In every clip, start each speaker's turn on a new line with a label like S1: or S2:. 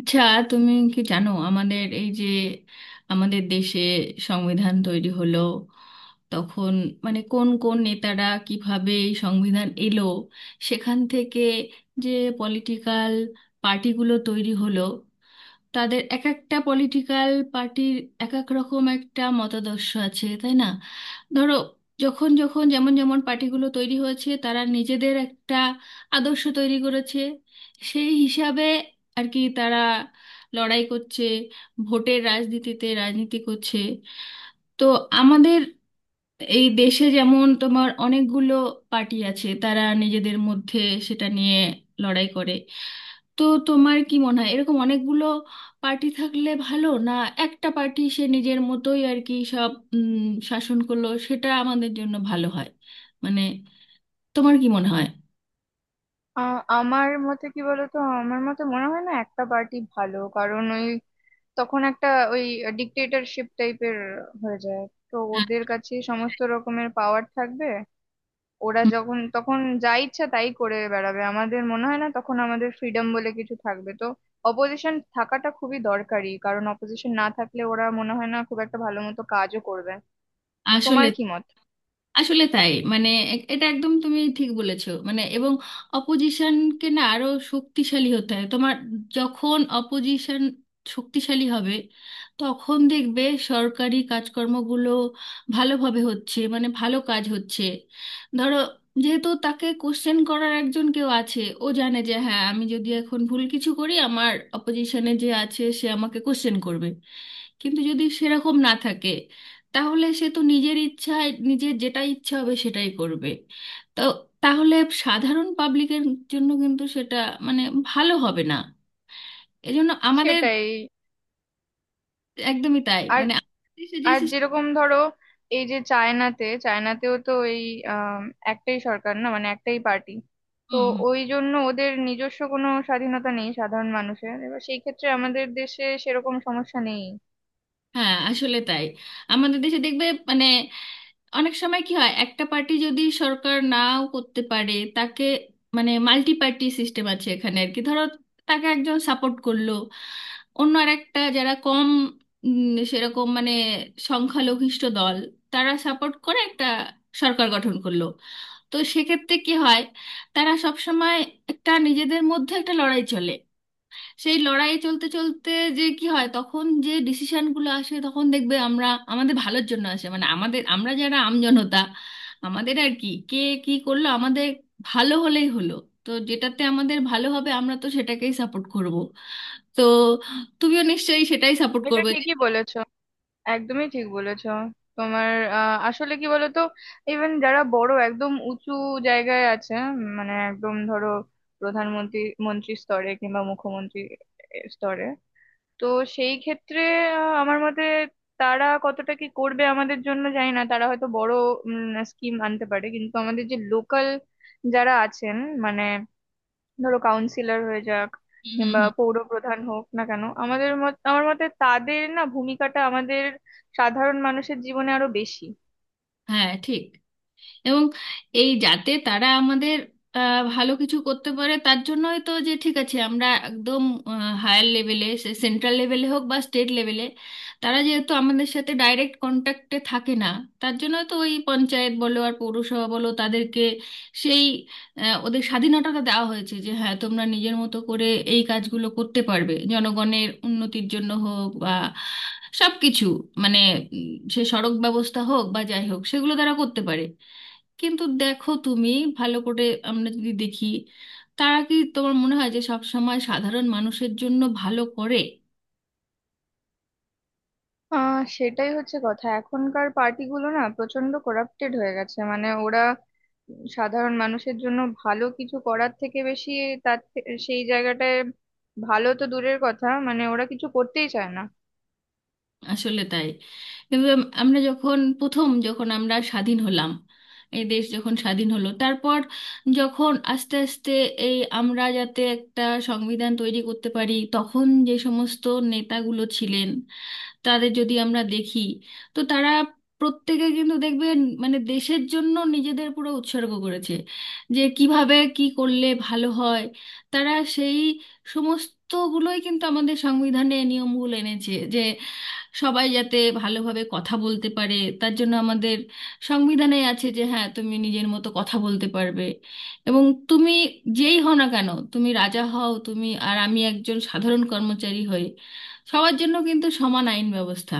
S1: আচ্ছা, তুমি কি জানো আমাদের এই যে আমাদের দেশে সংবিধান তৈরি হলো তখন মানে কোন কোন নেতারা কিভাবে এই সংবিধান এলো, সেখান থেকে যে পলিটিক্যাল পার্টিগুলো তৈরি হলো, তাদের এক একটা পলিটিক্যাল পার্টির এক এক রকম একটা মতাদর্শ আছে, তাই না? ধরো, যখন যখন যেমন যেমন পার্টিগুলো তৈরি হয়েছে তারা নিজেদের একটা আদর্শ তৈরি করেছে, সেই হিসাবে আর কি তারা লড়াই করছে, ভোটের রাজনীতিতে রাজনীতি করছে। তো আমাদের এই দেশে যেমন তোমার অনেকগুলো পার্টি আছে, তারা নিজেদের মধ্যে সেটা নিয়ে লড়াই করে। তো তোমার কি মনে হয় এরকম অনেকগুলো পার্টি থাকলে ভালো, না একটা পার্টি সে নিজের মতোই আর কি সব শাসন করলো সেটা আমাদের জন্য ভালো হয়? মানে তোমার কি মনে হয়?
S2: আ- আমার মতে কি বলতো? আমার মতে মনে হয় না একটা পার্টি ভালো, কারণ ওই তখন একটা ওই ডিক্টেটরশিপ টাইপের হয়ে যায়। তো
S1: হ্যাঁ,
S2: ওদের কাছে সমস্ত রকমের পাওয়ার থাকবে, ওরা যখন তখন যা ইচ্ছা তাই করে বেড়াবে। আমাদের মনে হয় না তখন আমাদের ফ্রিডম বলে কিছু থাকবে। তো অপোজিশন থাকাটা খুবই দরকারি, কারণ অপোজিশন না থাকলে ওরা মনে হয় না খুব একটা ভালো মতো কাজও করবে। তোমার
S1: আসলে
S2: কি মত?
S1: আসলে তাই মানে এটা একদম তুমি ঠিক বলেছো, মানে এবং অপোজিশনকে না আরো শক্তিশালী হতে হয়। তোমার যখন অপোজিশন শক্তিশালী হবে তখন দেখবে সরকারি কাজকর্মগুলো ভালোভাবে হচ্ছে, মানে ভালো কাজ হচ্ছে। ধরো, যেহেতু তাকে কোশ্চেন করার একজন কেউ আছে, ও জানে যে হ্যাঁ আমি যদি এখন ভুল কিছু করি আমার অপোজিশনে যে আছে সে আমাকে কোশ্চেন করবে। কিন্তু যদি সেরকম না থাকে তাহলে সে তো নিজের ইচ্ছায় নিজের যেটা ইচ্ছা হবে সেটাই করবে। তো তাহলে সাধারণ পাবলিকের জন্য কিন্তু সেটা মানে ভালো হবে না। এজন্য আমাদের
S2: সেটাই।
S1: একদমই তাই,
S2: আর
S1: মানে আমাদের দেশে যে
S2: আর
S1: system-।
S2: যেরকম ধরো, এই যে চায়নাতে, চায়নাতেও তো এই আম, একটাই সরকার, না মানে একটাই পার্টি। তো
S1: হুম,
S2: ওই জন্য ওদের নিজস্ব কোনো স্বাধীনতা নেই সাধারণ মানুষের। এবার সেই ক্ষেত্রে আমাদের দেশে সেরকম সমস্যা নেই।
S1: হ্যাঁ, আসলে তাই। আমাদের দেশে দেখবে মানে অনেক সময় কি হয়, একটা পার্টি যদি সরকার নাও করতে পারে তাকে মানে মাল্টি পার্টি সিস্টেম আছে এখানে আর কি। ধরো, তাকে একজন সাপোর্ট করলো, অন্য আরেকটা যারা কম সেরকম মানে সংখ্যালঘিষ্ঠ দল তারা সাপোর্ট করে একটা সরকার গঠন করলো। তো সেক্ষেত্রে কি হয়, তারা সব সময় একটা নিজেদের মধ্যে একটা লড়াই চলে। সেই লড়াই চলতে চলতে যে কি হয়, তখন যে ডিসিশনগুলো আসে তখন দেখবে আমরা আমাদের ভালোর জন্য আসে মানে আমাদের, আমরা যারা আমজনতা, আমাদের আর কি কে কি করলো, আমাদের ভালো হলেই হলো। তো যেটাতে আমাদের ভালো হবে আমরা তো সেটাকেই সাপোর্ট করব। তো তুমিও নিশ্চয়ই সেটাই সাপোর্ট
S2: এটা
S1: করবে যে।
S2: ঠিকই বলেছো, একদমই ঠিক বলেছো। তোমার আসলে কি বলতো, ইভেন যারা বড় একদম উঁচু জায়গায় আছে, মানে একদম ধরো প্রধানমন্ত্রী, মন্ত্রী স্তরে কিংবা মুখ্যমন্ত্রী স্তরে, তো সেই ক্ষেত্রে আমার মতে তারা কতটা কি করবে আমাদের জন্য জানি না। তারা হয়তো বড় স্কিম আনতে পারে, কিন্তু আমাদের যে লোকাল যারা আছেন, মানে ধরো কাউন্সিলর হয়ে যাক
S1: হুম হুম
S2: কিংবা
S1: হুম।
S2: পৌর প্রধান হোক না কেন, আমাদের মত আমার মতে তাদের না ভূমিকাটা আমাদের সাধারণ মানুষের জীবনে আরো বেশি।
S1: হ্যাঁ ঠিক। এবং এই যাতে তারা আমাদের ভালো কিছু করতে পারে তার জন্যই তো যে ঠিক আছে আমরা একদম হায়ার লেভেলে সে সেন্ট্রাল লেভেলে হোক বা স্টেট লেভেলে তারা যেহেতু আমাদের সাথে ডাইরেক্ট কন্ট্যাক্টে থাকে না, তার জন্য তো ওই পঞ্চায়েত বলো আর পৌরসভা বলো তাদেরকে সেই ওদের স্বাধীনতাটা দেওয়া হয়েছে যে হ্যাঁ তোমরা নিজের মতো করে এই কাজগুলো করতে পারবে জনগণের উন্নতির জন্য হোক বা সব কিছু মানে সে সড়ক ব্যবস্থা হোক বা যাই হোক সেগুলো তারা করতে পারে। কিন্তু দেখো তুমি ভালো করে আমরা যদি দেখি তারা কি তোমার মনে হয় যে সব সময় সাধারণ মানুষের জন্য ভালো করে?
S2: সেটাই হচ্ছে কথা। এখনকার পার্টিগুলো না প্রচন্ড করাপ্টেড হয়ে গেছে, মানে ওরা সাধারণ মানুষের জন্য ভালো কিছু করার থেকে বেশি সেই জায়গাটায় ভালো তো দূরের কথা, মানে ওরা কিছু করতেই চায় না।
S1: আসলে তাই। কিন্তু আমরা যখন প্রথম যখন আমরা স্বাধীন হলাম, এই দেশ যখন স্বাধীন হলো তারপর যখন আস্তে আস্তে এই আমরা যাতে একটা সংবিধান তৈরি করতে পারি তখন যে সমস্ত নেতাগুলো ছিলেন তাদের যদি আমরা দেখি, তো তারা প্রত্যেকে কিন্তু দেখবেন মানে দেশের জন্য নিজেদের পুরো উৎসর্গ করেছে যে কিভাবে কি করলে ভালো হয়। তারা সেই সমস্তগুলোই কিন্তু আমাদের সংবিধানে নিয়মগুলো এনেছে যে সবাই যাতে ভালোভাবে কথা বলতে পারে, তার জন্য আমাদের সংবিধানে আছে যে হ্যাঁ তুমি নিজের মতো কথা বলতে পারবে। এবং তুমি যেই হও না কেন, তুমি রাজা হও, তুমি আর আমি একজন সাধারণ কর্মচারী হই, সবার জন্য কিন্তু সমান আইন ব্যবস্থা।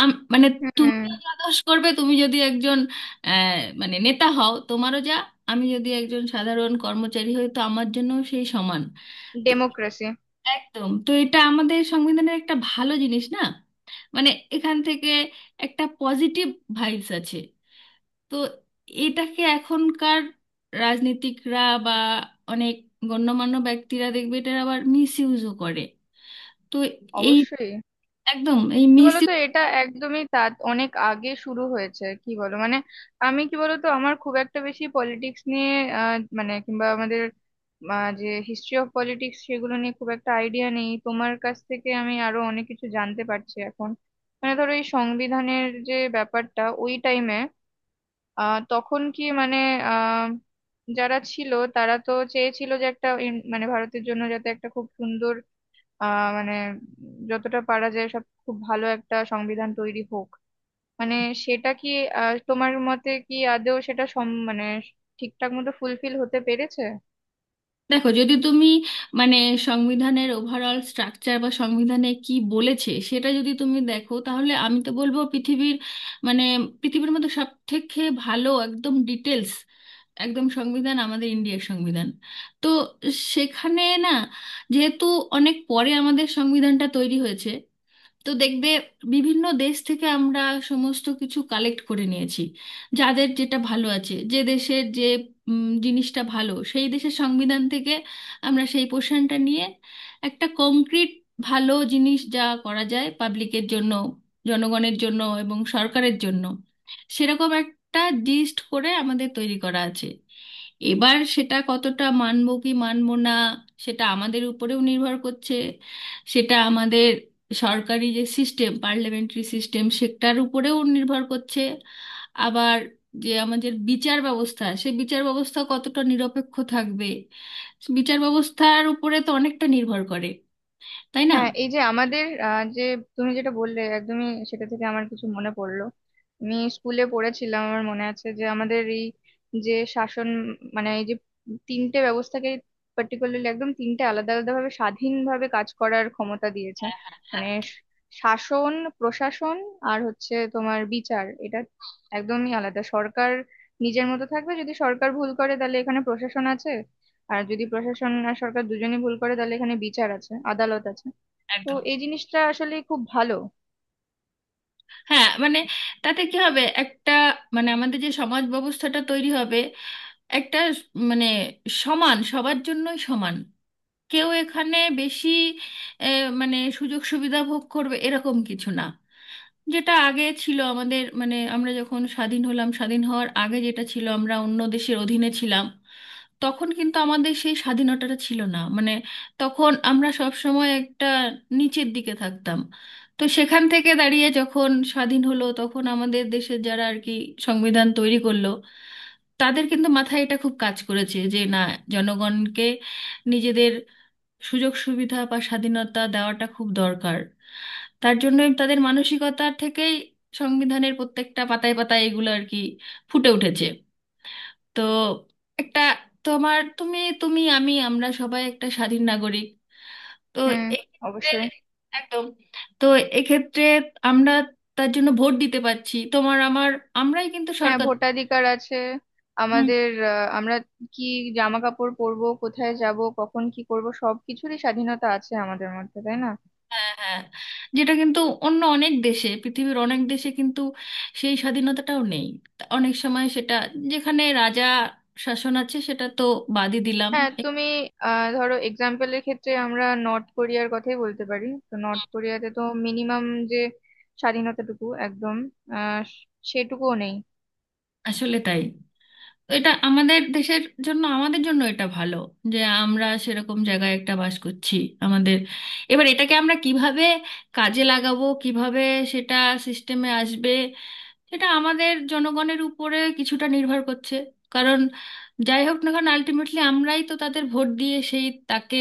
S1: মানে
S2: হুম।
S1: তুমিও যা দোষ করবে, তুমি যদি একজন আহ, মানে নেতা হও তোমারও যা, আমি যদি একজন সাধারণ কর্মচারী হই তো আমার জন্য সেই সমান। তো
S2: ডেমোক্রেসি।
S1: একদম, তো এটা আমাদের সংবিধানের একটা ভালো জিনিস না মানে এখান থেকে একটা পজিটিভ ভাইবস আছে। তো এটাকে এখনকার রাজনীতিকরা বা অনেক গণ্যমান্য ব্যক্তিরা দেখবে এটা আবার মিস ইউজও করে। তো এই
S2: অবশ্যই।
S1: একদম এই
S2: কি
S1: মিস।
S2: বলতো, এটা একদমই তা অনেক আগে শুরু হয়েছে, কি বলো। মানে আমি কি বলতো, আমার খুব একটা বেশি পলিটিক্স নিয়ে মানে কিংবা আমাদের যে হিস্ট্রি অফ পলিটিক্স, সেগুলো নিয়ে খুব একটা আইডিয়া নেই। তোমার কাছ থেকে আমি আরো অনেক কিছু জানতে পারছি এখন। মানে ধরো এই সংবিধানের যে ব্যাপারটা, ওই টাইমে তখন কি মানে আহ যারা ছিল তারা তো চেয়েছিল যে একটা মানে ভারতের জন্য যাতে একটা খুব সুন্দর মানে যতটা পারা যায় সব খুব ভালো একটা সংবিধান তৈরি হোক। মানে সেটা কি তোমার মতে কি আদৌ সেটা সম মানে ঠিকঠাক মতো ফুলফিল হতে পেরেছে?
S1: দেখো যদি তুমি মানে সংবিধানের ওভারঅল স্ট্রাকচার বা সংবিধানে কি বলেছে সেটা যদি তুমি দেখো তাহলে আমি তো বলবো পৃথিবীর মানে পৃথিবীর মধ্যে সব থেকে ভালো একদম ডিটেলস একদম সংবিধান আমাদের ইন্ডিয়ার সংবিধান। তো সেখানে না যেহেতু অনেক পরে আমাদের সংবিধানটা তৈরি হয়েছে, তো দেখবে বিভিন্ন দেশ থেকে আমরা সমস্ত কিছু কালেক্ট করে নিয়েছি। যাদের যেটা ভালো আছে, যে দেশের যে জিনিসটা ভালো সেই দেশের সংবিধান থেকে আমরা সেই পোর্শনটা নিয়ে একটা কংক্রিট ভালো জিনিস যা করা যায় পাবলিকের জন্য, জনগণের জন্য এবং সরকারের জন্য, সেরকম একটা লিস্ট করে আমাদের তৈরি করা আছে। এবার সেটা কতটা মানব কি মানব না সেটা আমাদের উপরেও নির্ভর করছে। সেটা আমাদের সরকারি যে সিস্টেম, পার্লামেন্টারি সিস্টেম সেটার উপরেও নির্ভর করছে। আবার যে আমাদের বিচার ব্যবস্থা, সে বিচার ব্যবস্থা কতটা নিরপেক্ষ থাকবে, বিচার ব্যবস্থার উপরে তো অনেকটা নির্ভর করে, তাই না?
S2: হ্যাঁ, এই যে আমাদের যে তুমি যেটা বললে, একদমই সেটা থেকে আমার কিছু মনে পড়লো। আমি স্কুলে পড়েছিলাম, আমার মনে আছে যে আমাদের এই যে শাসন, মানে এই যে তিনটে ব্যবস্থাকে পার্টিকুলারলি একদম তিনটে আলাদা আলাদা ভাবে স্বাধীনভাবে কাজ করার ক্ষমতা দিয়েছে।
S1: হ্যাঁ হ্যাঁ হ্যাঁ।
S2: মানে শাসন, প্রশাসন, আর হচ্ছে তোমার বিচার। এটা একদমই আলাদা। সরকার নিজের মতো থাকবে, যদি সরকার ভুল করে তাহলে এখানে প্রশাসন আছে। আর যদি প্রশাসন আর সরকার দুজনেই ভুল করে তাহলে এখানে বিচার আছে, আদালত আছে। তো
S1: একদম।
S2: এই জিনিসটা আসলে খুব ভালো।
S1: হ্যাঁ মানে তাতে কি হবে, একটা মানে আমাদের যে সমাজ ব্যবস্থাটা তৈরি হবে একটা মানে সমান, সবার জন্যই সমান। কেউ এখানে বেশি এ, মানে সুযোগ সুবিধা ভোগ করবে এরকম কিছু না, যেটা আগে ছিল আমাদের মানে আমরা যখন স্বাধীন হলাম, স্বাধীন হওয়ার আগে যেটা ছিল আমরা অন্য দেশের অধীনে ছিলাম তখন কিন্তু আমাদের সেই স্বাধীনতাটা ছিল না, মানে তখন আমরা সব সময় একটা নিচের দিকে থাকতাম। তো সেখান থেকে দাঁড়িয়ে যখন স্বাধীন হলো তখন আমাদের দেশের যারা আর কি সংবিধান তৈরি করলো, তাদের কিন্তু মাথায় এটা খুব কাজ করেছে যে না, জনগণকে নিজেদের সুযোগ সুবিধা বা স্বাধীনতা দেওয়াটা খুব দরকার। তার জন্য তাদের মানসিকতা থেকেই সংবিধানের প্রত্যেকটা পাতায় পাতায় এগুলো আর কি ফুটে উঠেছে। তো একটা তোমার তুমি তুমি আমি আমরা সবাই একটা স্বাধীন নাগরিক। তো
S2: হুম।
S1: এক্ষেত্রে
S2: অবশ্যই।
S1: একদম। তো এক্ষেত্রে আমরা তার জন্য ভোট দিতে পারছি, তোমার আমার, আমরাই কিন্তু
S2: হ্যাঁ,
S1: সরকার।
S2: ভোটাধিকার আছে আমাদের। আমরা কি জামা কাপড় পরবো, কোথায় যাব, কখন কি করব, সবকিছুরই স্বাধীনতা আছে আমাদের মধ্যে, তাই না?
S1: হ্যাঁ হ্যাঁ। যেটা কিন্তু অন্য অনেক দেশে, পৃথিবীর অনেক দেশে কিন্তু সেই স্বাধীনতাটাও নেই। তা অনেক সময় সেটা যেখানে রাজা শাসন আছে সেটা তো বাদই দিলাম।
S2: হ্যাঁ
S1: এ-
S2: তুমি ধরো, এক্সাম্পলের ক্ষেত্রে আমরা নর্থ কোরিয়ার কথাই বলতে পারি। তো নর্থ কোরিয়াতে তো মিনিমাম যে স্বাধীনতাটুকু একদম আহ সেটুকুও নেই।
S1: আসলে তাই। তো এটা আমাদের দেশের জন্য, আমাদের জন্য এটা ভালো যে আমরা সেরকম জায়গায় একটা বাস করছি। আমাদের এবার এটাকে আমরা কিভাবে কাজে লাগাবো, কিভাবে সেটা সিস্টেমে আসবে, এটা আমাদের জনগণের উপরে কিছুটা নির্ভর করছে। কারণ যাই হোক না কারণ আলটিমেটলি আমরাই তো তাদের ভোট দিয়ে সেই তাকে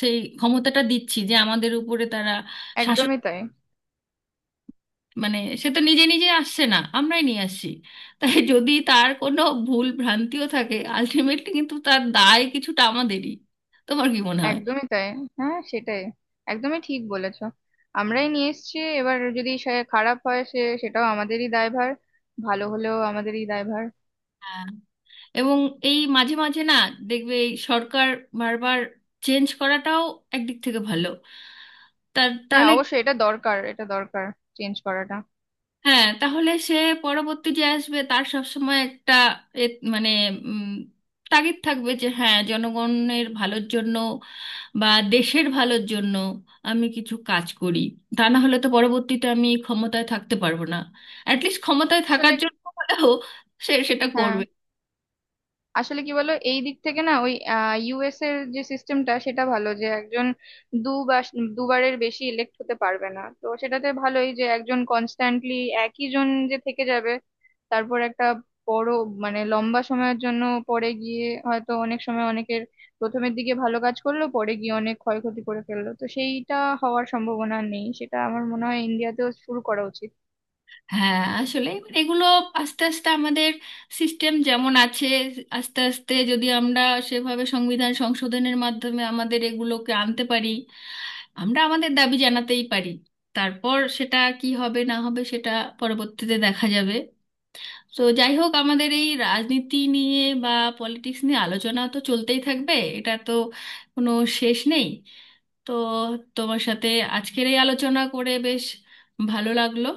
S1: সেই ক্ষমতাটা দিচ্ছি যে আমাদের উপরে তারা শাসন,
S2: একদমই তাই।
S1: মানে সে তো নিজে নিজে আসছে না, আমরাই নিয়ে আসছি। তাই যদি তার কোনো ভুল ভ্রান্তিও থাকে আলটিমেটলি কিন্তু তার দায় কিছুটা আমাদেরই। তোমার কি মনে হয়?
S2: একদমই তাই। হ্যাঁ, সেটাই। একদমই ঠিক বলেছো। আমরাই নিয়ে এসেছি, এবার যদি সে খারাপ হয়, সে সেটাও আমাদেরই দায়ভার, ভালো হলেও আমাদেরই দায়ভার।
S1: হ্যাঁ। এবং এই মাঝে মাঝে না দেখবে এই সরকার বারবার চেঞ্জ করাটাও একদিক থেকে ভালো। তার
S2: হ্যাঁ,
S1: তাহলে,
S2: অবশ্যই এটা দরকার, এটা দরকার, চেঞ্জ করাটা।
S1: হ্যাঁ, তাহলে সে পরবর্তী যে আসবে তার সবসময় একটা এ মানে উম, তাগিদ থাকবে যে হ্যাঁ জনগণের ভালোর জন্য বা দেশের ভালোর জন্য আমি কিছু কাজ করি, তা না হলে তো পরবর্তীতে আমি ক্ষমতায় থাকতে পারবো না। অ্যাটলিস্ট ক্ষমতায় থাকার
S2: আসলে
S1: জন্য হলেও সে সেটা
S2: হ্যাঁ,
S1: করবে।
S2: আসলে কি বলো, এই দিক থেকে না ওই ইউএস এর যে সিস্টেমটা সেটা ভালো, যে একজন দুবার দুবারের বেশি ইলেক্ট হতে পারবে না। তো সেটাতে ভালোই, যে একজন কনস্ট্যান্টলি একই জন যে থেকে যাবে তারপর একটা বড় মানে লম্বা সময়ের জন্য, পরে গিয়ে হয়তো অনেক সময় অনেকের প্রথমের দিকে ভালো কাজ করলো পরে গিয়ে অনেক ক্ষয়ক্ষতি করে ফেললো, তো সেইটা হওয়ার সম্ভাবনা নেই। সেটা আমার মনে হয় ইন্ডিয়াতেও শুরু করা উচিত।
S1: হ্যাঁ আসলে এবার এগুলো আস্তে আস্তে আমাদের সিস্টেম যেমন আছে আস্তে আস্তে যদি আমরা সেভাবে সংবিধান সংশোধনের মাধ্যমে আমাদের এগুলোকে আনতে পারি, আমরা আমাদের দাবি জানাতেই পারি। তারপর সেটা কি হবে না হবে সেটা পরবর্তীতে দেখা যাবে। তো যাই হোক, আমাদের এই রাজনীতি নিয়ে বা পলিটিক্স নিয়ে আলোচনা তো চলতেই থাকবে, এটা তো কোনো শেষ নেই। তো তোমার সাথে আজকের এই আলোচনা করে বেশ ভালো লাগলো।